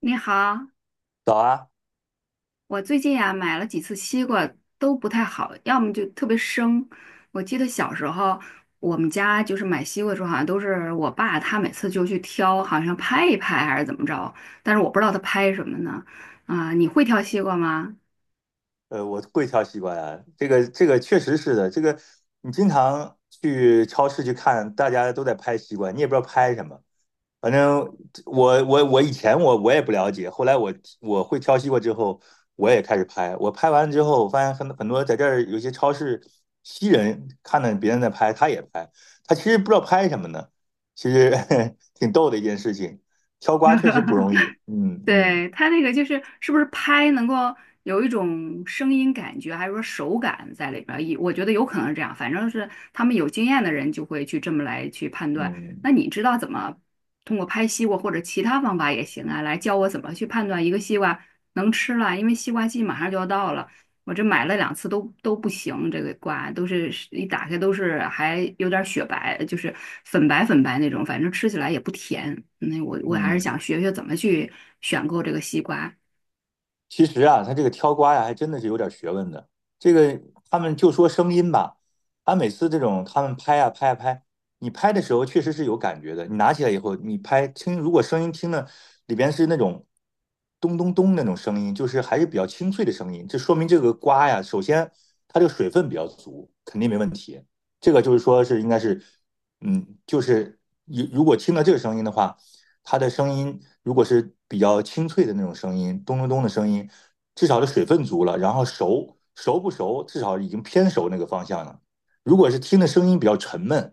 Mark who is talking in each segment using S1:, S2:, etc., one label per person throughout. S1: 你好，
S2: 早啊，
S1: 我最近呀、买了几次西瓜都不太好，要么就特别生。我记得小时候我们家就是买西瓜的时候，好像都是我爸他每次就去挑，好像拍一拍还是怎么着，但是我不知道他拍什么呢。啊、你会挑西瓜吗？
S2: 我会挑西瓜呀，这个确实是的，这个你经常去超市去看，大家都在拍西瓜，你也不知道拍什么。反正我以前我也不了解，后来我会挑西瓜之后，我也开始拍。我拍完之后，我发现很多在这儿有些超市西人看到别人在拍，他也拍，他其实不知道拍什么呢，其实 挺逗的一件事情。挑瓜确实不容易，嗯嗯
S1: 对，他那个就是是不是拍能够有一种声音感觉，还是说手感在里边儿？也我觉得有可能是这样，反正是他们有经验的人就会去这么来去判断。
S2: 嗯
S1: 那你知道怎么通过拍西瓜或者其他方法也行啊，来教我怎么去判断一个西瓜能吃了，因为西瓜季马上就要到了。我这买了两次都不行，这个瓜都是一打开都是还有点雪白，就是粉白粉白那种，反正吃起来也不甜。那我还是
S2: 嗯。
S1: 想学学怎么去选购这个西瓜。
S2: 其实啊，他这个挑瓜呀，还真的是有点学问的。这个他们就说声音吧，他每次这种他们拍啊拍啊拍，你拍的时候确实是有感觉的。你拿起来以后，你拍听，如果声音听的里边是那种咚咚咚那种声音，就是还是比较清脆的声音，这说明这个瓜呀，首先它这个水分比较足，肯定没问题。这个就是说是应该是，嗯，就是如果听到这个声音的话。它的声音如果是比较清脆的那种声音，咚咚咚的声音，至少是水分足了，然后熟不熟，至少已经偏熟那个方向了。如果是听的声音比较沉闷，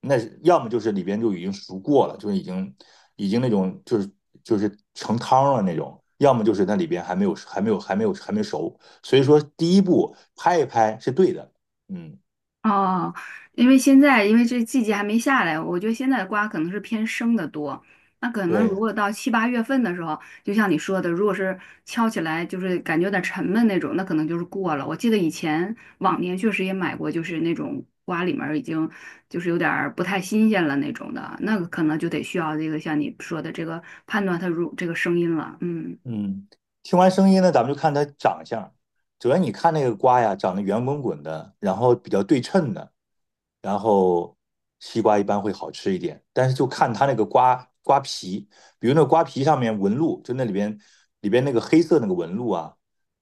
S2: 那要么就是里边就已经熟过了，就是已经那种就是成汤了那种，要么就是那里边还没熟。所以说第一步拍一拍是对的，嗯，
S1: 哦，因为现在因为这季节还没下来，我觉得现在的瓜可能是偏生的多。那可能
S2: 对，
S1: 如果到七八月份的时候，就像你说的，如果是敲起来就是感觉有点沉闷那种，那可能就是过了。我记得以前往年确实也买过，就是那种瓜里面儿已经就是有点儿不太新鲜了那种的，那个可能就得需要这个像你说的这个判断它如这个声音了。嗯。
S2: 嗯，听完声音呢，咱们就看它长相。主要你看那个瓜呀，长得圆滚滚的，然后比较对称的，然后西瓜一般会好吃一点。但是就看它那个瓜皮，比如那瓜皮上面纹路，就那里边那个黑色那个纹路啊，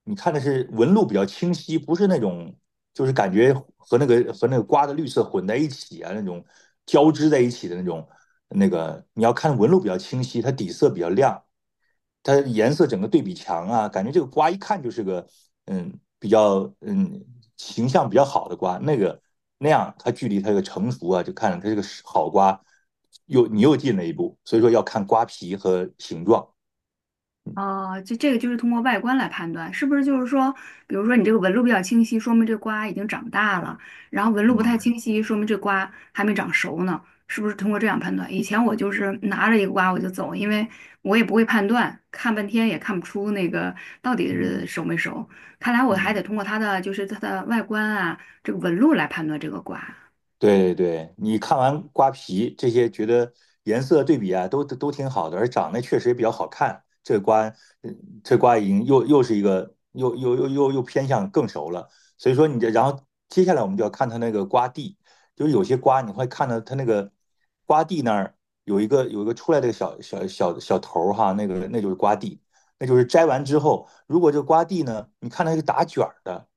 S2: 你看的是纹路比较清晰，不是那种就是感觉和那个瓜的绿色混在一起啊，那种交织在一起的那种那个，你要看纹路比较清晰，它底色比较亮。它颜色整个对比强啊，感觉这个瓜一看就是个嗯比较嗯形象比较好的瓜，那个那样它距离它这个成熟啊，就看着它这个好瓜又你又进了一步，所以说要看瓜皮和形状。
S1: 哦，就这个就是通过外观来判断，是不是就是说，比如说你这个纹路比较清晰，说明这瓜已经长大了；然后纹路不太
S2: 嗯
S1: 清晰，说明这瓜还没长熟呢，是不是通过这样判断？以前我就是拿着一个瓜我就走，因为我也不会判断，看半天也看不出那个到底是
S2: 嗯
S1: 熟没熟。看来我还
S2: 嗯。
S1: 得通过它的就是它的外观啊，这个纹路来判断这个瓜。
S2: 对对，你看完瓜皮这些，觉得颜色对比啊，都挺好的，而长得确实也比较好看。这瓜，嗯这瓜已经又是一个又偏向更熟了。所以说你这，然后接下来我们就要看它那个瓜蒂，就是有些瓜你会看到它那个瓜蒂那儿有一个出来的小头儿哈，那个那就是瓜蒂，那就是摘完之后，如果这瓜蒂呢，你看它是打卷儿的。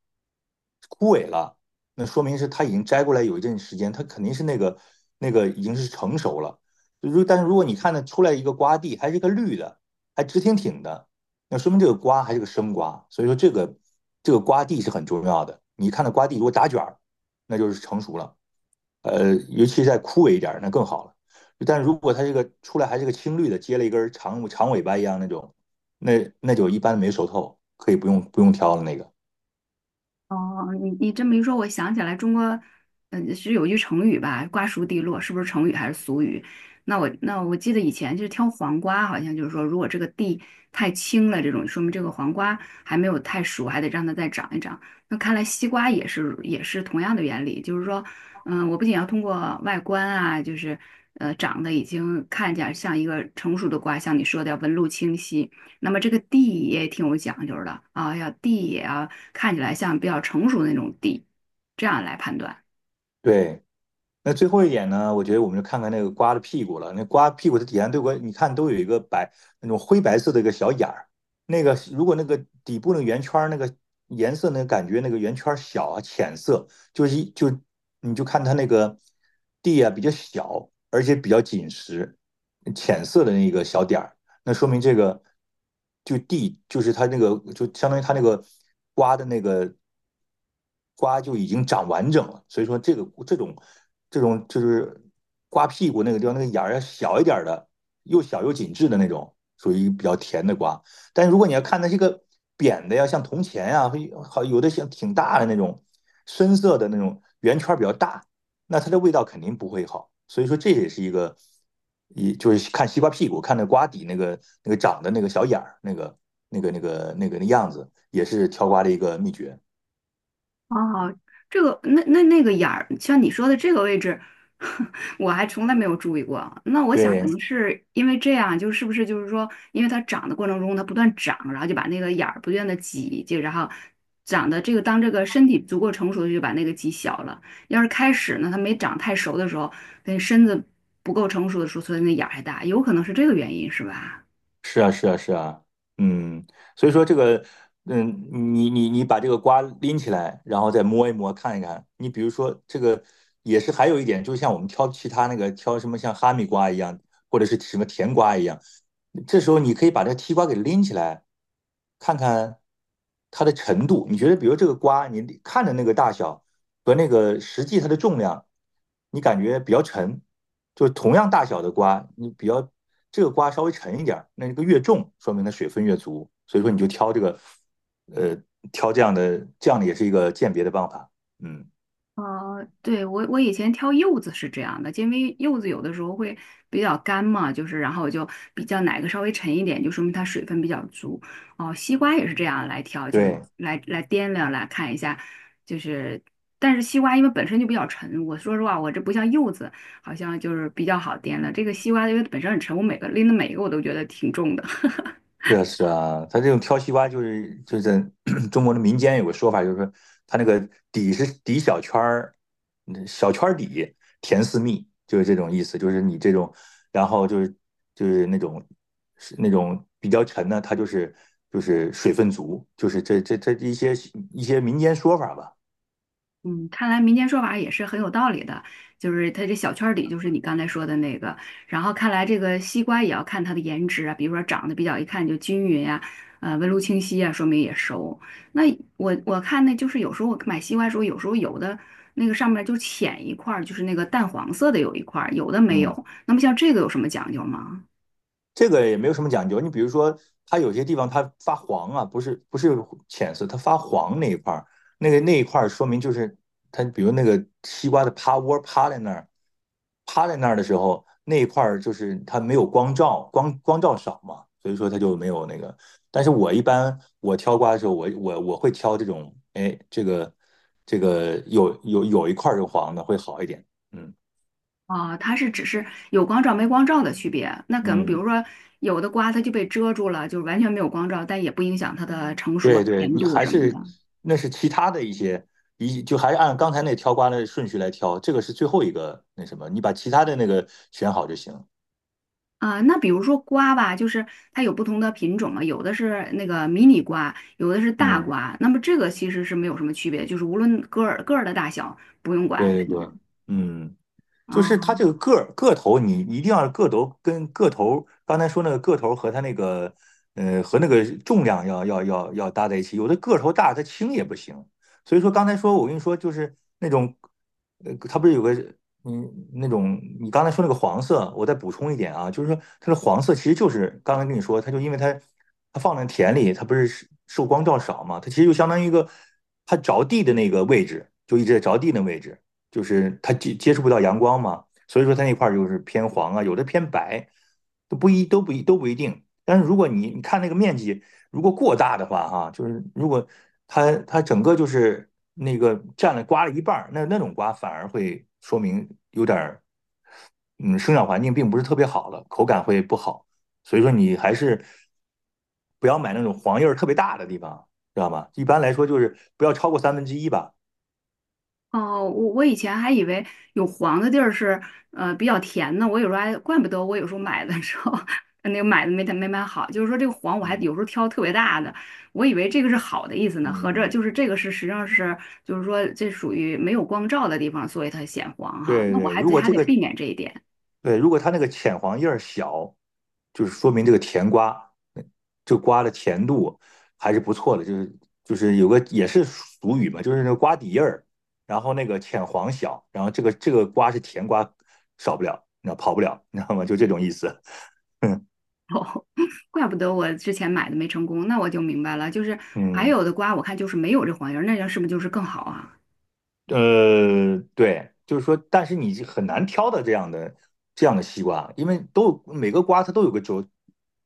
S2: 枯萎了，那说明是它已经摘过来有一阵时间，它肯定是那个那个已经是成熟了。但是如果你看它出来一个瓜蒂还是个绿的，还直挺挺的，那说明这个瓜还是个生瓜。所以说这个瓜蒂是很重要的。你看到瓜蒂如果打卷儿，那就是成熟了。尤其再枯萎一点那更好了。但如果它这个出来还是个青绿的，接了一根长长尾巴一样那种，那就一般没熟透，可以不用挑了那个。
S1: 哦，你你这么一说，我想起来中国，嗯，是有句成语吧，“瓜熟蒂落”，是不是成语还是俗语？那我记得以前就是挑黄瓜，好像就是说，如果这个蒂太青了，这种说明这个黄瓜还没有太熟，还得让它再长一长。那看来西瓜也是同样的原理，就是说，嗯，我不仅要通过外观啊，就是长得已经看起来像一个成熟的瓜，像你说的要纹路清晰，那么这个蒂也挺有讲究的啊，要蒂也要。看起来像比较成熟的那种地，这样来判断。
S2: 对，那最后一点呢，我觉得我们就看看那个瓜的屁股了。那瓜屁股的底下对过，你看都有一个白那种灰白色的一个小眼儿。那个如果那个底部那个圆圈儿那个颜色那个感觉那个圆圈儿小啊浅色，就是你就看它那个地啊比较小，而且比较紧实，浅色的那个小点儿，那说明这个就地就是它那个就相当于它那个瓜的那个瓜就已经长完整了，所以说这个这种就是瓜屁股那个地方那个眼儿小一点的，又小又紧致的那种，属于比较甜的瓜。但如果你要看它这个扁的呀，像铜钱呀，好有的像挺大的那种深色的那种圆圈比较大，那它的味道肯定不会好。所以说这也是一个，一就是看西瓜屁股，看那瓜底那个那个长的那个小眼儿，那个那样子，也是挑瓜的一个秘诀。
S1: 哦，这个那那那个眼儿，像你说的这个位置，我还从来没有注意过。那我想可
S2: 对，
S1: 能是因为这样，就是不是就是说，因为它长的过程中它不断长，然后就把那个眼儿不断的挤，就然后长的这个当这个身体足够成熟，就把那个挤小了。要是开始呢，它没长太熟的时候，那身子不够成熟的时候，所以那眼儿还大，有可能是这个原因，是吧？
S2: 是啊，是啊，是啊，嗯，所以说这个，嗯，你把这个瓜拎起来，然后再摸一摸，看一看。你比如说这个，也是还有一点，就像我们挑其他那个挑什么像哈密瓜一样，或者是什么甜瓜一样，这时候你可以把这西瓜给拎起来，看看它的程度。你觉得，比如这个瓜，你看着那个大小。和那个实际它的重量，你感觉比较沉，就是同样大小的瓜，你比较这个瓜稍微沉一点儿，那个越重，说明它水分越足，所以说你就挑这个，呃，挑这样的，这样的也是一个鉴别的办法。嗯，
S1: 哦，对，我以前挑柚子是这样的，因为柚子有的时候会比较干嘛，就是然后我就比较哪个稍微沉一点，就说明它水分比较足。哦，西瓜也是这样来挑，就是
S2: 对。
S1: 来掂量来看一下，就是但是西瓜因为本身就比较沉，我说实话，我这不像柚子，好像就是比较好掂量。这个西瓜因为本身很沉，我每个拎的每一个我都觉得挺重的。
S2: 是啊，是啊，他这种挑西瓜就是在 中国的民间有个说法，就是说他那个底是底小圈儿，嗯小圈儿底甜似蜜，就是这种意思。就是你这种，然后就是那种是那种比较沉的，它就是水分足，就是这一些民间说法吧。
S1: 嗯，看来民间说法也是很有道理的，就是它这小圈儿里就是你刚才说的那个，然后看来这个西瓜也要看它的颜值啊，比如说长得比较一看就均匀呀、纹路清晰啊，说明也熟。那我看那就是有时候我买西瓜的时候，有时候有的那个上面就浅一块儿，就是那个淡黄色的有一块儿，有的没
S2: 嗯。
S1: 有。那么像这个有什么讲究吗？
S2: 这个也没有什么讲究。你比如说，它有些地方它发黄啊，不是浅色，它发黄那一块儿，那个那一块儿说明就是它，比如那个西瓜的趴窝趴在那儿，趴在那儿的时候，那一块儿就是它没有光照，光照少嘛，所以说它就没有那个。但是我一般我挑瓜的时候，我会挑这种，哎，这个这个有一块儿是黄的会好一点。嗯
S1: 啊，它是只是有光照没光照的区别。那可能比
S2: 嗯。
S1: 如说有的瓜它就被遮住了，就是完全没有光照，但也不影响它的成熟啊
S2: 对对，
S1: 甜
S2: 你
S1: 度
S2: 还
S1: 什么
S2: 是
S1: 的。
S2: 那是其他的一些，一就还是按刚才那挑瓜的顺序来挑，这个是最后一个那什么，你把其他的那个选好就行。
S1: 啊，那比如说瓜吧，就是它有不同的品种嘛，有的是那个迷你瓜，有的是大
S2: 嗯，
S1: 瓜。那么这个其实是没有什么区别，就是无论个儿个儿的大小不用管，
S2: 对对
S1: 是吗？
S2: 对，嗯。就是它这
S1: 哦，
S2: 个个儿个头，你一定要个头跟个头，刚才说那个个头和它那个和那个重量要搭在一起。有的个头大，它轻也不行。所以说刚才说我跟你说，就是那种它不是有个嗯那种你刚才说那个黄色，我再补充一点啊，就是说它的黄色其实就是刚才跟你说，它就因为它放在田里，它不是受光照少嘛，它其实就相当于一个它着地的那个位置，就一直在着地那位置。就是它接触不到阳光嘛，所以说它那块儿就是偏黄啊，有的偏白，都不一都不一都不一定。但是如果你看那个面积如果过大的话，哈，啊就是如果它整个就是那个占了瓜了一半儿那种瓜反而会说明有点儿嗯生长环境并不是特别好了，口感会不好。所以说你还是不要买那种黄叶儿特别大的地方，知道吗？一般来说就是不要超过三分之一吧。
S1: 哦，我以前还以为有黄的地儿是比较甜呢。我有时候还怪不得我有时候买的时候 那个买的没买好，就是说这个黄我还
S2: 嗯
S1: 有时候挑特别大的，我以为这个是好的意思呢，合着
S2: 嗯，
S1: 就是这个是实际上是就是说这属于没有光照的地方，所以它显黄哈，
S2: 对
S1: 那我
S2: 对，
S1: 还
S2: 如
S1: 得
S2: 果
S1: 还
S2: 这
S1: 得
S2: 个
S1: 避免这一点。
S2: 对，如果它那个浅黄叶儿小，就是说明这个甜瓜，嗯这瓜的甜度还是不错的。就是有个也是俗语嘛，就是那个瓜底叶儿，然后那个浅黄小，然后这个瓜是甜瓜，少不了，那跑不了，你知道吗？就这种意思。嗯
S1: 哦，怪不得我之前买的没成功，那我就明白了，就是还
S2: 嗯。
S1: 有的瓜我看就是没有这黄叶儿，那样是不是就是更好啊？
S2: 对，就是说，但是你很难挑的这样的西瓜，因为都每个瓜它都有个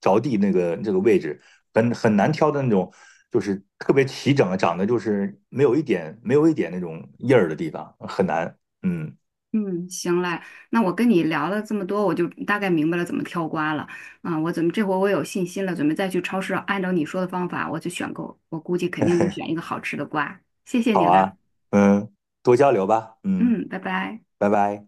S2: 着地那个这个位置，很难挑的那种，就是特别齐整的，长得就是没有一点那种印儿的地方，很难。嗯，
S1: 嗯，行嘞，那我跟你聊了这么多，我就大概明白了怎么挑瓜了。啊。我怎么这回我有信心了，准备再去超市按照你说的方法我去选购，我估计肯定能选一 个好吃的瓜。谢谢
S2: 好
S1: 你啦，
S2: 啊，嗯，多交流吧，嗯，
S1: 嗯，拜拜。
S2: 拜拜。